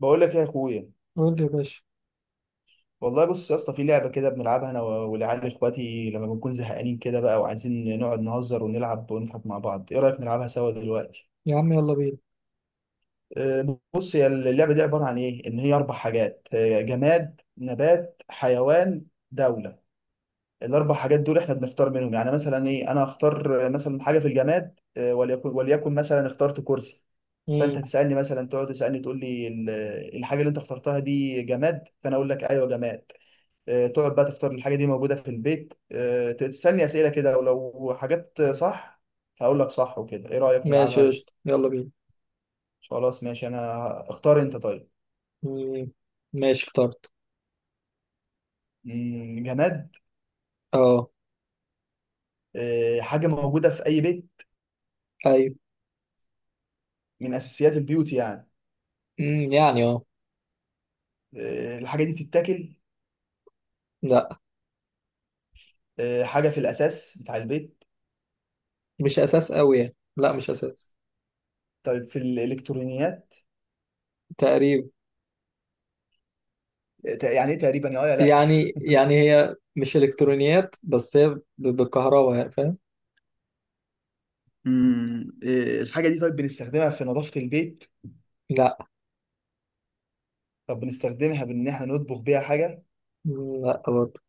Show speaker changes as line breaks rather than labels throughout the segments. بقول لك إيه يا اخويا؟
قول لي يا باشا.
والله بص يا اسطى، في لعبه كده بنلعبها انا والعيال اخواتي لما بنكون زهقانين كده بقى وعايزين نقعد نهزر ونلعب ونضحك مع بعض. ايه رايك نلعبها سوا دلوقتي؟
يا عم يلا بينا.
بص، هي اللعبه دي عباره عن ايه؟ ان هي اربع حاجات، جماد، نبات، حيوان، دوله. الاربع حاجات دول احنا بنختار منهم. يعني مثلا ايه؟ انا اختار مثلا حاجه في الجماد، وليكن مثلا اخترت كرسي. فانت
مم.
تسالني مثلا، تقعد تسالني تقول لي الحاجه اللي انت اخترتها دي جماد، فانا اقول لك ايوه جماد. تقعد بقى تختار. الحاجة دي موجودة في البيت. تسألني أسئلة كده، ولو حاجات صح هقول لك صح وكده. إيه رأيك
ماشي
نلعبها؟
قشطة يلا بينا.
خلاص ماشي. أنا اختار أنت، طيب.
مم. ماشي اخترت.
جماد؟
اه.
حاجة موجودة في أي بيت؟
ايوه.
من أساسيات البيوت يعني؟
مم. يعني اه.
الحاجة دي بتتاكل؟
لا
حاجة في الأساس بتاع البيت؟
مش اساس قوي يعني، لا مش اساس.
طيب، في الإلكترونيات؟
تقريبا.
يعني إيه تقريبا؟ يا آه يا لأ؟
يعني يعني هي مش الكترونيات، بس هي بالكهرباء يعني، فاهم؟
الحاجة دي طيب، بنستخدمها في نظافة البيت؟
لا.
طب بنستخدمها بإن إحنا نطبخ بيها حاجة؟
مم. لا برضه.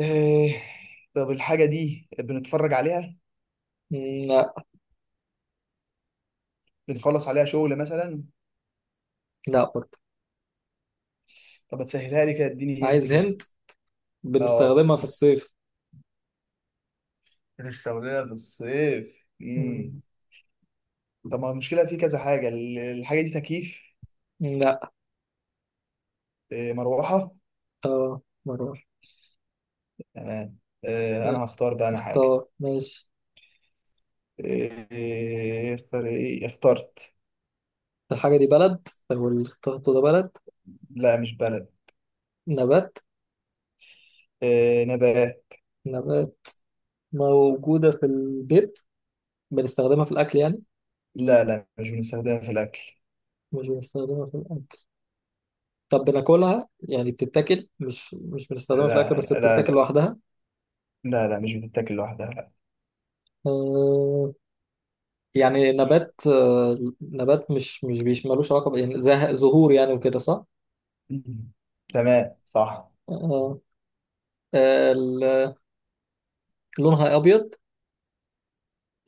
آه، طب الحاجة دي بنتفرج عليها؟
مم. لا.
بنخلص عليها شغل مثلا؟
لا برضه.
طب هتسهلها لي كده، اديني هنت
عايز
كده.
هنت.
اه.
بنستخدمها في الصيف.
الشغلانة بالصيف.
مم.
طب ما المشكلة في كذا حاجة. الحاجة دي تكييف؟
لا.
مروحة؟
اه مرة
تمام.
واحدة.
انا هختار بقى انا حاجة.
اختار ماشي.
اختار، ايه اخترت؟
الحاجة دي بلد، او اللي اخترته ده بلد؟
لا، مش بلد.
نبات.
نبات.
نبات موجودة في البيت. بنستخدمها في الأكل يعني؟
لا، لا، مش بنستخدمها في الأكل.
مش بنستخدمها في الأكل. طب بناكلها يعني، بتتاكل مش بنستخدمها في الأكل،
لا،
بس
لا،
بتتاكل
لا.
لوحدها.
لا، لا، مش بتتاكل لوحدها، لا.
آه. يعني نبات. آه نبات. مش ملوش علاقة يعني زهور يعني وكده، صح؟
مم. تمام، صح.
آه. آه، ال- لونها أبيض.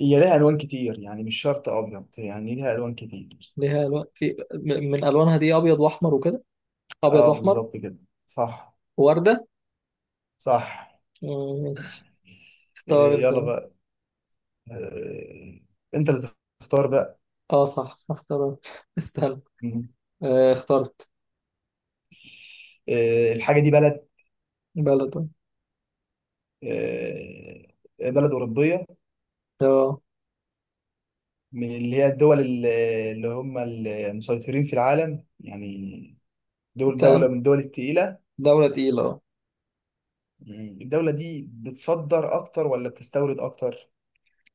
هي ليها الوان كتير يعني، مش شرط ابيض، يعني ليها الوان كتير.
ليها ألوان في من ألوانها دي أبيض وأحمر وكده. أبيض
اه،
وأحمر.
بالظبط كده. صح.
وردة.
صح.
آه، ماشي. اختار
إيه،
أنت.
يلا بقى. إيه، انت اللي تختار بقى.
اه صح اختار استنى.
مم.
آه اخترت.
إيه، الحاجه دي بلد؟
بلد.
إيه، بلد اوروبيه؟
اه.
من اللي هي الدول اللي هم المسيطرين في العالم يعني. دوله
تمام.
من الدول التقيله.
دولة تقيلة اه.
الدوله دي بتصدر اكتر ولا بتستورد اكتر؟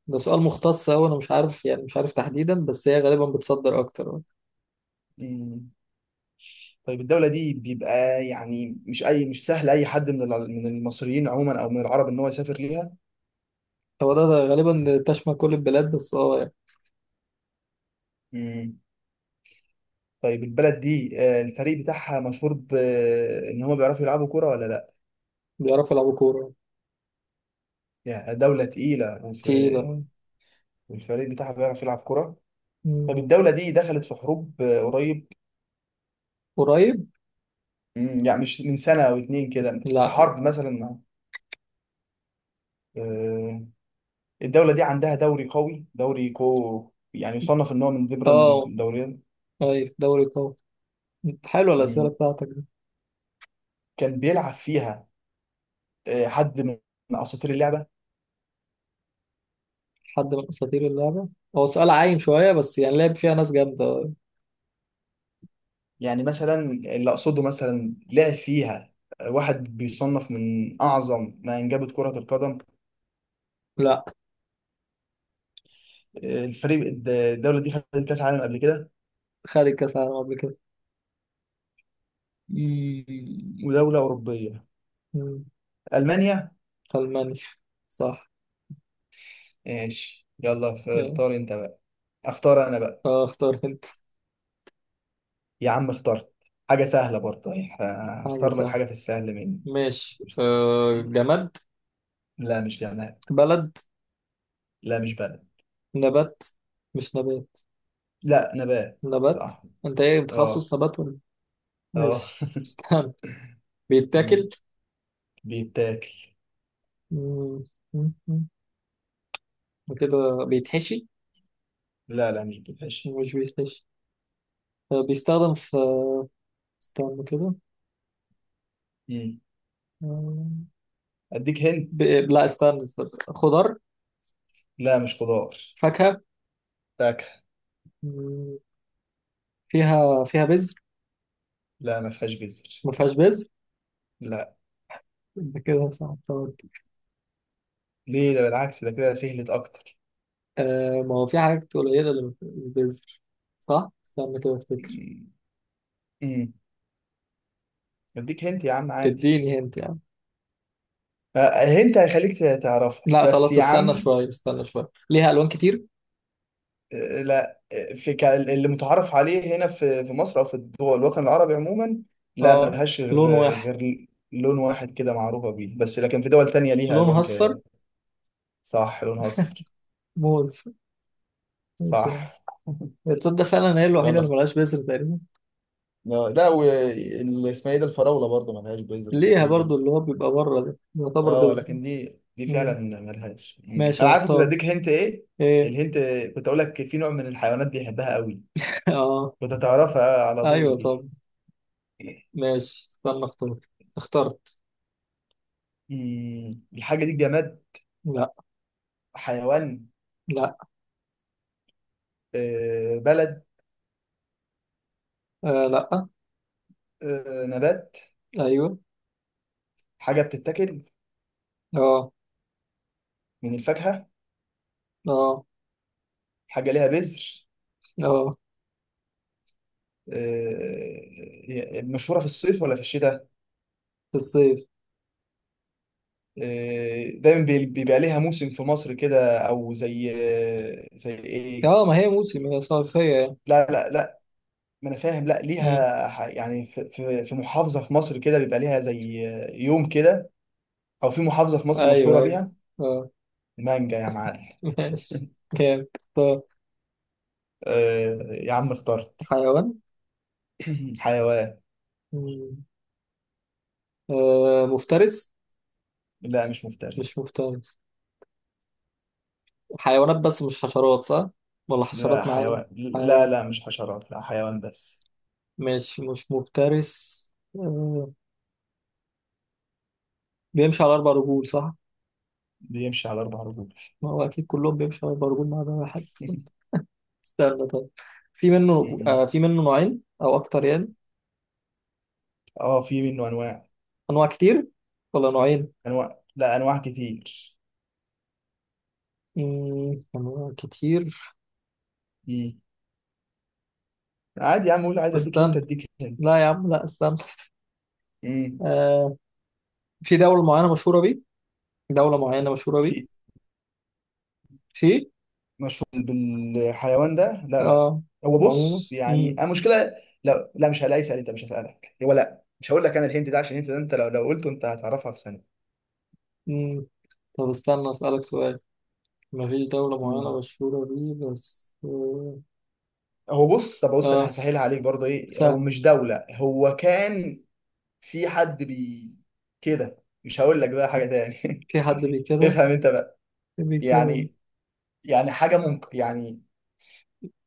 ده سؤال مختص أوي، أنا مش عارف يعني، مش عارف تحديدا، بس هي غالبا بتصدر أكتر اه.
مم. طيب الدولة دي بيبقى يعني مش أي، مش سهل أي حد من من المصريين عموما أو من العرب إن هو يسافر ليها.
هو ده غالبا تشمل كل البلاد، بس اه يعني.
مم. طيب البلد دي، الفريق بتاعها مشهور بإن هم بيعرفوا يلعبوا كرة ولا لأ؟
بيعرفوا يلعبوا كورة.
يعني دولة تقيلة
تقيلة اه.
والفريق بتاعها بيعرف يلعب كرة. طب
مم.
الدولة دي دخلت في حروب قريب؟
قريب؟
يعني مش من سنة أو اتنين كده في
لا لا.
حرب مثلا؟ آه، الدولة دي عندها دوري قوي، دوري كو يعني يصنف إن هو من ضمن
اه.
الدوريات.
طيب دوري قوي. حلوة الأسئلة
مم.
بتاعتك دي.
كان بيلعب فيها حد من اساطير اللعبه؟
حد من أساطير اللعبة. هو سؤال عايم شوية، بس يعني لعب فيها ناس جامدة اه.
يعني مثلا اللي اقصده، مثلا لعب فيها واحد بيصنف من اعظم ما انجبت كره القدم.
لا.
الفريق الدوله دي خدت كاس عالم قبل كده؟
خد الكأس العالم قبل كده.
ودوله اوروبيه؟
مم.
المانيا.
ألمانيا. صح.
ماشي يلا،
اه.
اختار انت بقى. اختار انا بقى.
اه، اختار انت.
يا عم اخترت. حاجه سهله برضه يعني.
حاجة
هختار لك
سهلة.
حاجه في السهل مني.
ماشي، أه جماد.
لا، مش جماد.
بلد.
لا، مش بلد.
نبات. مش نبات.
لا، نبات
نبات.
صح.
انت ايه
اه.
بتخصص نبات ولا؟
اه.
ماشي استنى.
مم.
بيتاكل.
بيتاكل.
مم، مم، مم. وكده بيتحشي.
لا، لا، مش بالحش.
مش بيتحشي. آه، بيستخدم في. استنى كده.
مم.
آه،
اديك هند.
لا استنى استنى. خضار.
لا، مش خضار.
فاكهة.
فاكهة.
مم، فيها فيها بذر.
لا، ما فيهاش بذر.
ما فيهاش بذر.
لا.
انت كده صعبتها.
ليه؟ ده بالعكس، ده كده سهلت اكتر.
آه ما هو في حاجات قليلة اللي ما فيهاش بذر، صح؟ استنى كده افتكر.
مم. مم. اديك هنت يا عم عادي.
اديني هنت.
هنت هيخليك تعرفها
لا
بس
خلاص،
يا
استنى
عم.
شوية، استنى شوية. ليها ألوان كتير.
لا، اللي متعارف عليه هنا، في مصر او في الدول الوطن العربي عموما. لا،
اه.
ملهاش غير
لون واحد.
غير لون واحد كده معروفة بيه، بس لكن في دول تانية ليها
لونها
الوان
أصفر.
صح، لونها اصفر.
موز. ماشي يا
صح.
عم. تصدق فعلا هي الوحيدة اللي
يلا.
ملهاش بذر تقريبا.
لا، واللي اسمها ايه ده، الفراوله برضه ملهاش بيزر
ليها
تقريبا.
برضو، اللي هو بيبقى بره ده يعتبر
اه،
بذر.
لكن دي
مم.
فعلا ملهاش.
ماشي
انا عارف كنت
هختار.
اديك هنت ايه.
ايه.
الهنت. كنت اقول لك في نوع من الحيوانات بيحبها قوي.
اه.
كنت هتعرفها على
ايوه
طول دي.
طب. ماشي استنى اختار. اخترت.
مم. الحاجه دي جماد؟
لا.
حيوان؟
لا.
بلد؟
آه لا.
نبات؟
ايوه.
حاجه بتتاكل؟
اه.
من الفاكهه؟
اه.
حاجه ليها بذر؟
اه.
مشهوره في الصيف ولا في الشتاء؟
في الصيف.
دايما بيبقى ليها موسم في مصر كده، او زي ايه؟
اه ما هي موسم، هي صيفية يعني.
لا، لا، لا. ما انا فاهم، لا،
مم.
ليها يعني في محافظه في مصر كده بيبقى ليها زي، يوم كده. او في محافظه في مصر
ايوه
مشهوره
ايوه.
بيها.
اه.
مانجا يا معلم.
ماشي. كام اختار.
يا عم اخترت.
حيوان.
حيوان.
مم. آه مفترس.
لا، مش
مش
مفترس.
مفترس. حيوانات بس مش حشرات صح، ولا
لا،
حشرات معانا؟
حيوان. لا،
حيوان.
لا، مش حشرات، لا، حيوان بس.
مش مفترس. آه. بيمشي على اربع رجول صح.
بيمشي على اربع رجول.
ما هو اكيد كلهم بيمشوا على اربع رجول ما عدا واحد. استنى طيب. في منه
مم.
آه، في منه نوعين او اكتر يعني؟
اه، في منه انواع.
انواع كتير ولا نوعين؟
انواع، لا، انواع كتير.
مم، انواع كتير.
مم. عادي يا عم، قول عايز اديك هنت
استنى.
اديك هنت.
لا يا عم، لا استنى.
امم
آه. في دولة معينة مشهورة بيه. دولة معينة مشهورة بيه.
في.
في.
مشهور بالحيوان ده؟ لا، لا.
اه.
هو
عموما.
بص، يعني انا مشكله. لا، لا، مش هلاقي اسال انت، مش هسالك هو. لا، مش هقول لك انا الهنت ده، عشان الهنت ده انت لو قلته انت هتعرفها في ثانيه.
مم. طب استنى أسألك سؤال. مفيش دولة معينة
امم
مشهورة بيه بس آه.
هو بص، طب بص، انا
آه،
هسهلها عليك برضه. ايه، هو
سهل.
مش دوله، هو كان في حد بي كده، مش هقول لك بقى حاجه تاني.
في حد بي كده.
افهم انت بقى.
بي كده.
يعني يعني حاجه ممكن يعني.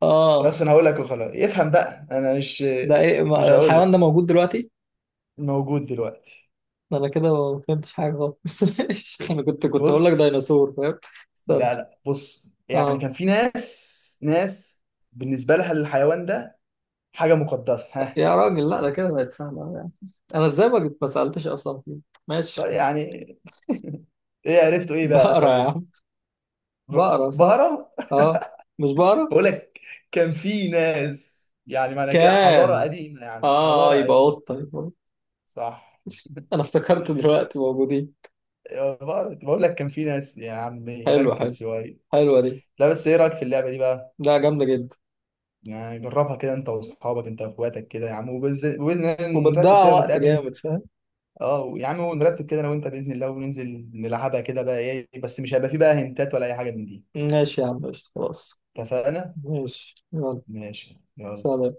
آه.
اصلا هقول لك وخلاص، افهم بقى انا مش.
ده إيه
مش هقول
الحيوان ده
لك.
موجود دلوقتي؟
موجود دلوقتي.
ده أنا كده ما فهمتش حاجة خالص ماشي. أنا كنت هقول لك
بص،
ديناصور فاهم. استنى.
لا، لا، بص يعني
آه.
كان في ناس ناس بالنسبة لها الحيوان ده حاجة مقدسة، ها.
يا راجل لا، ده كده بقت سهلة أوي يعني. أنا إزاي ما سألتش أصلا فيه. ماشي
طيب، يعني. ايه عرفتوا ايه بقى؟
بقرة يا
طيب.
عم. بقرة صح؟
بقرة.
آه. مش بقرة؟
بقول لك كان في ناس. يعني معنى كده حضارة
كان.
قديمة، يعني
آه
حضارة
يبقى
قديمة.
قطة، يبقى قطة.
صح.
أنا افتكرت دلوقتي موجودين.
يا بقرة، بقول لك كان في ناس يا عمي،
حلو حلو.
ركز شوية.
حلوة دي.
لا، بس ايه رأيك في اللعبة دي بقى؟
لا جامدة جدا.
يعني جربها كده انت واصحابك، انت واخواتك كده يا عم، وبإذن الله نرتب
وبتضيع
كده
وقت
ونتقابل.
جامد فاهم.
اه يا عم، ونرتب كده انا وانت باذن الله وننزل نلعبها كده بقى. ايه بس، مش هيبقى فيه بقى هنتات ولا اي حاجه من دي.
ماشي يا عم قشطة، خلاص.
اتفقنا.
ماشي يلا.
ماشي يلا.
سلام.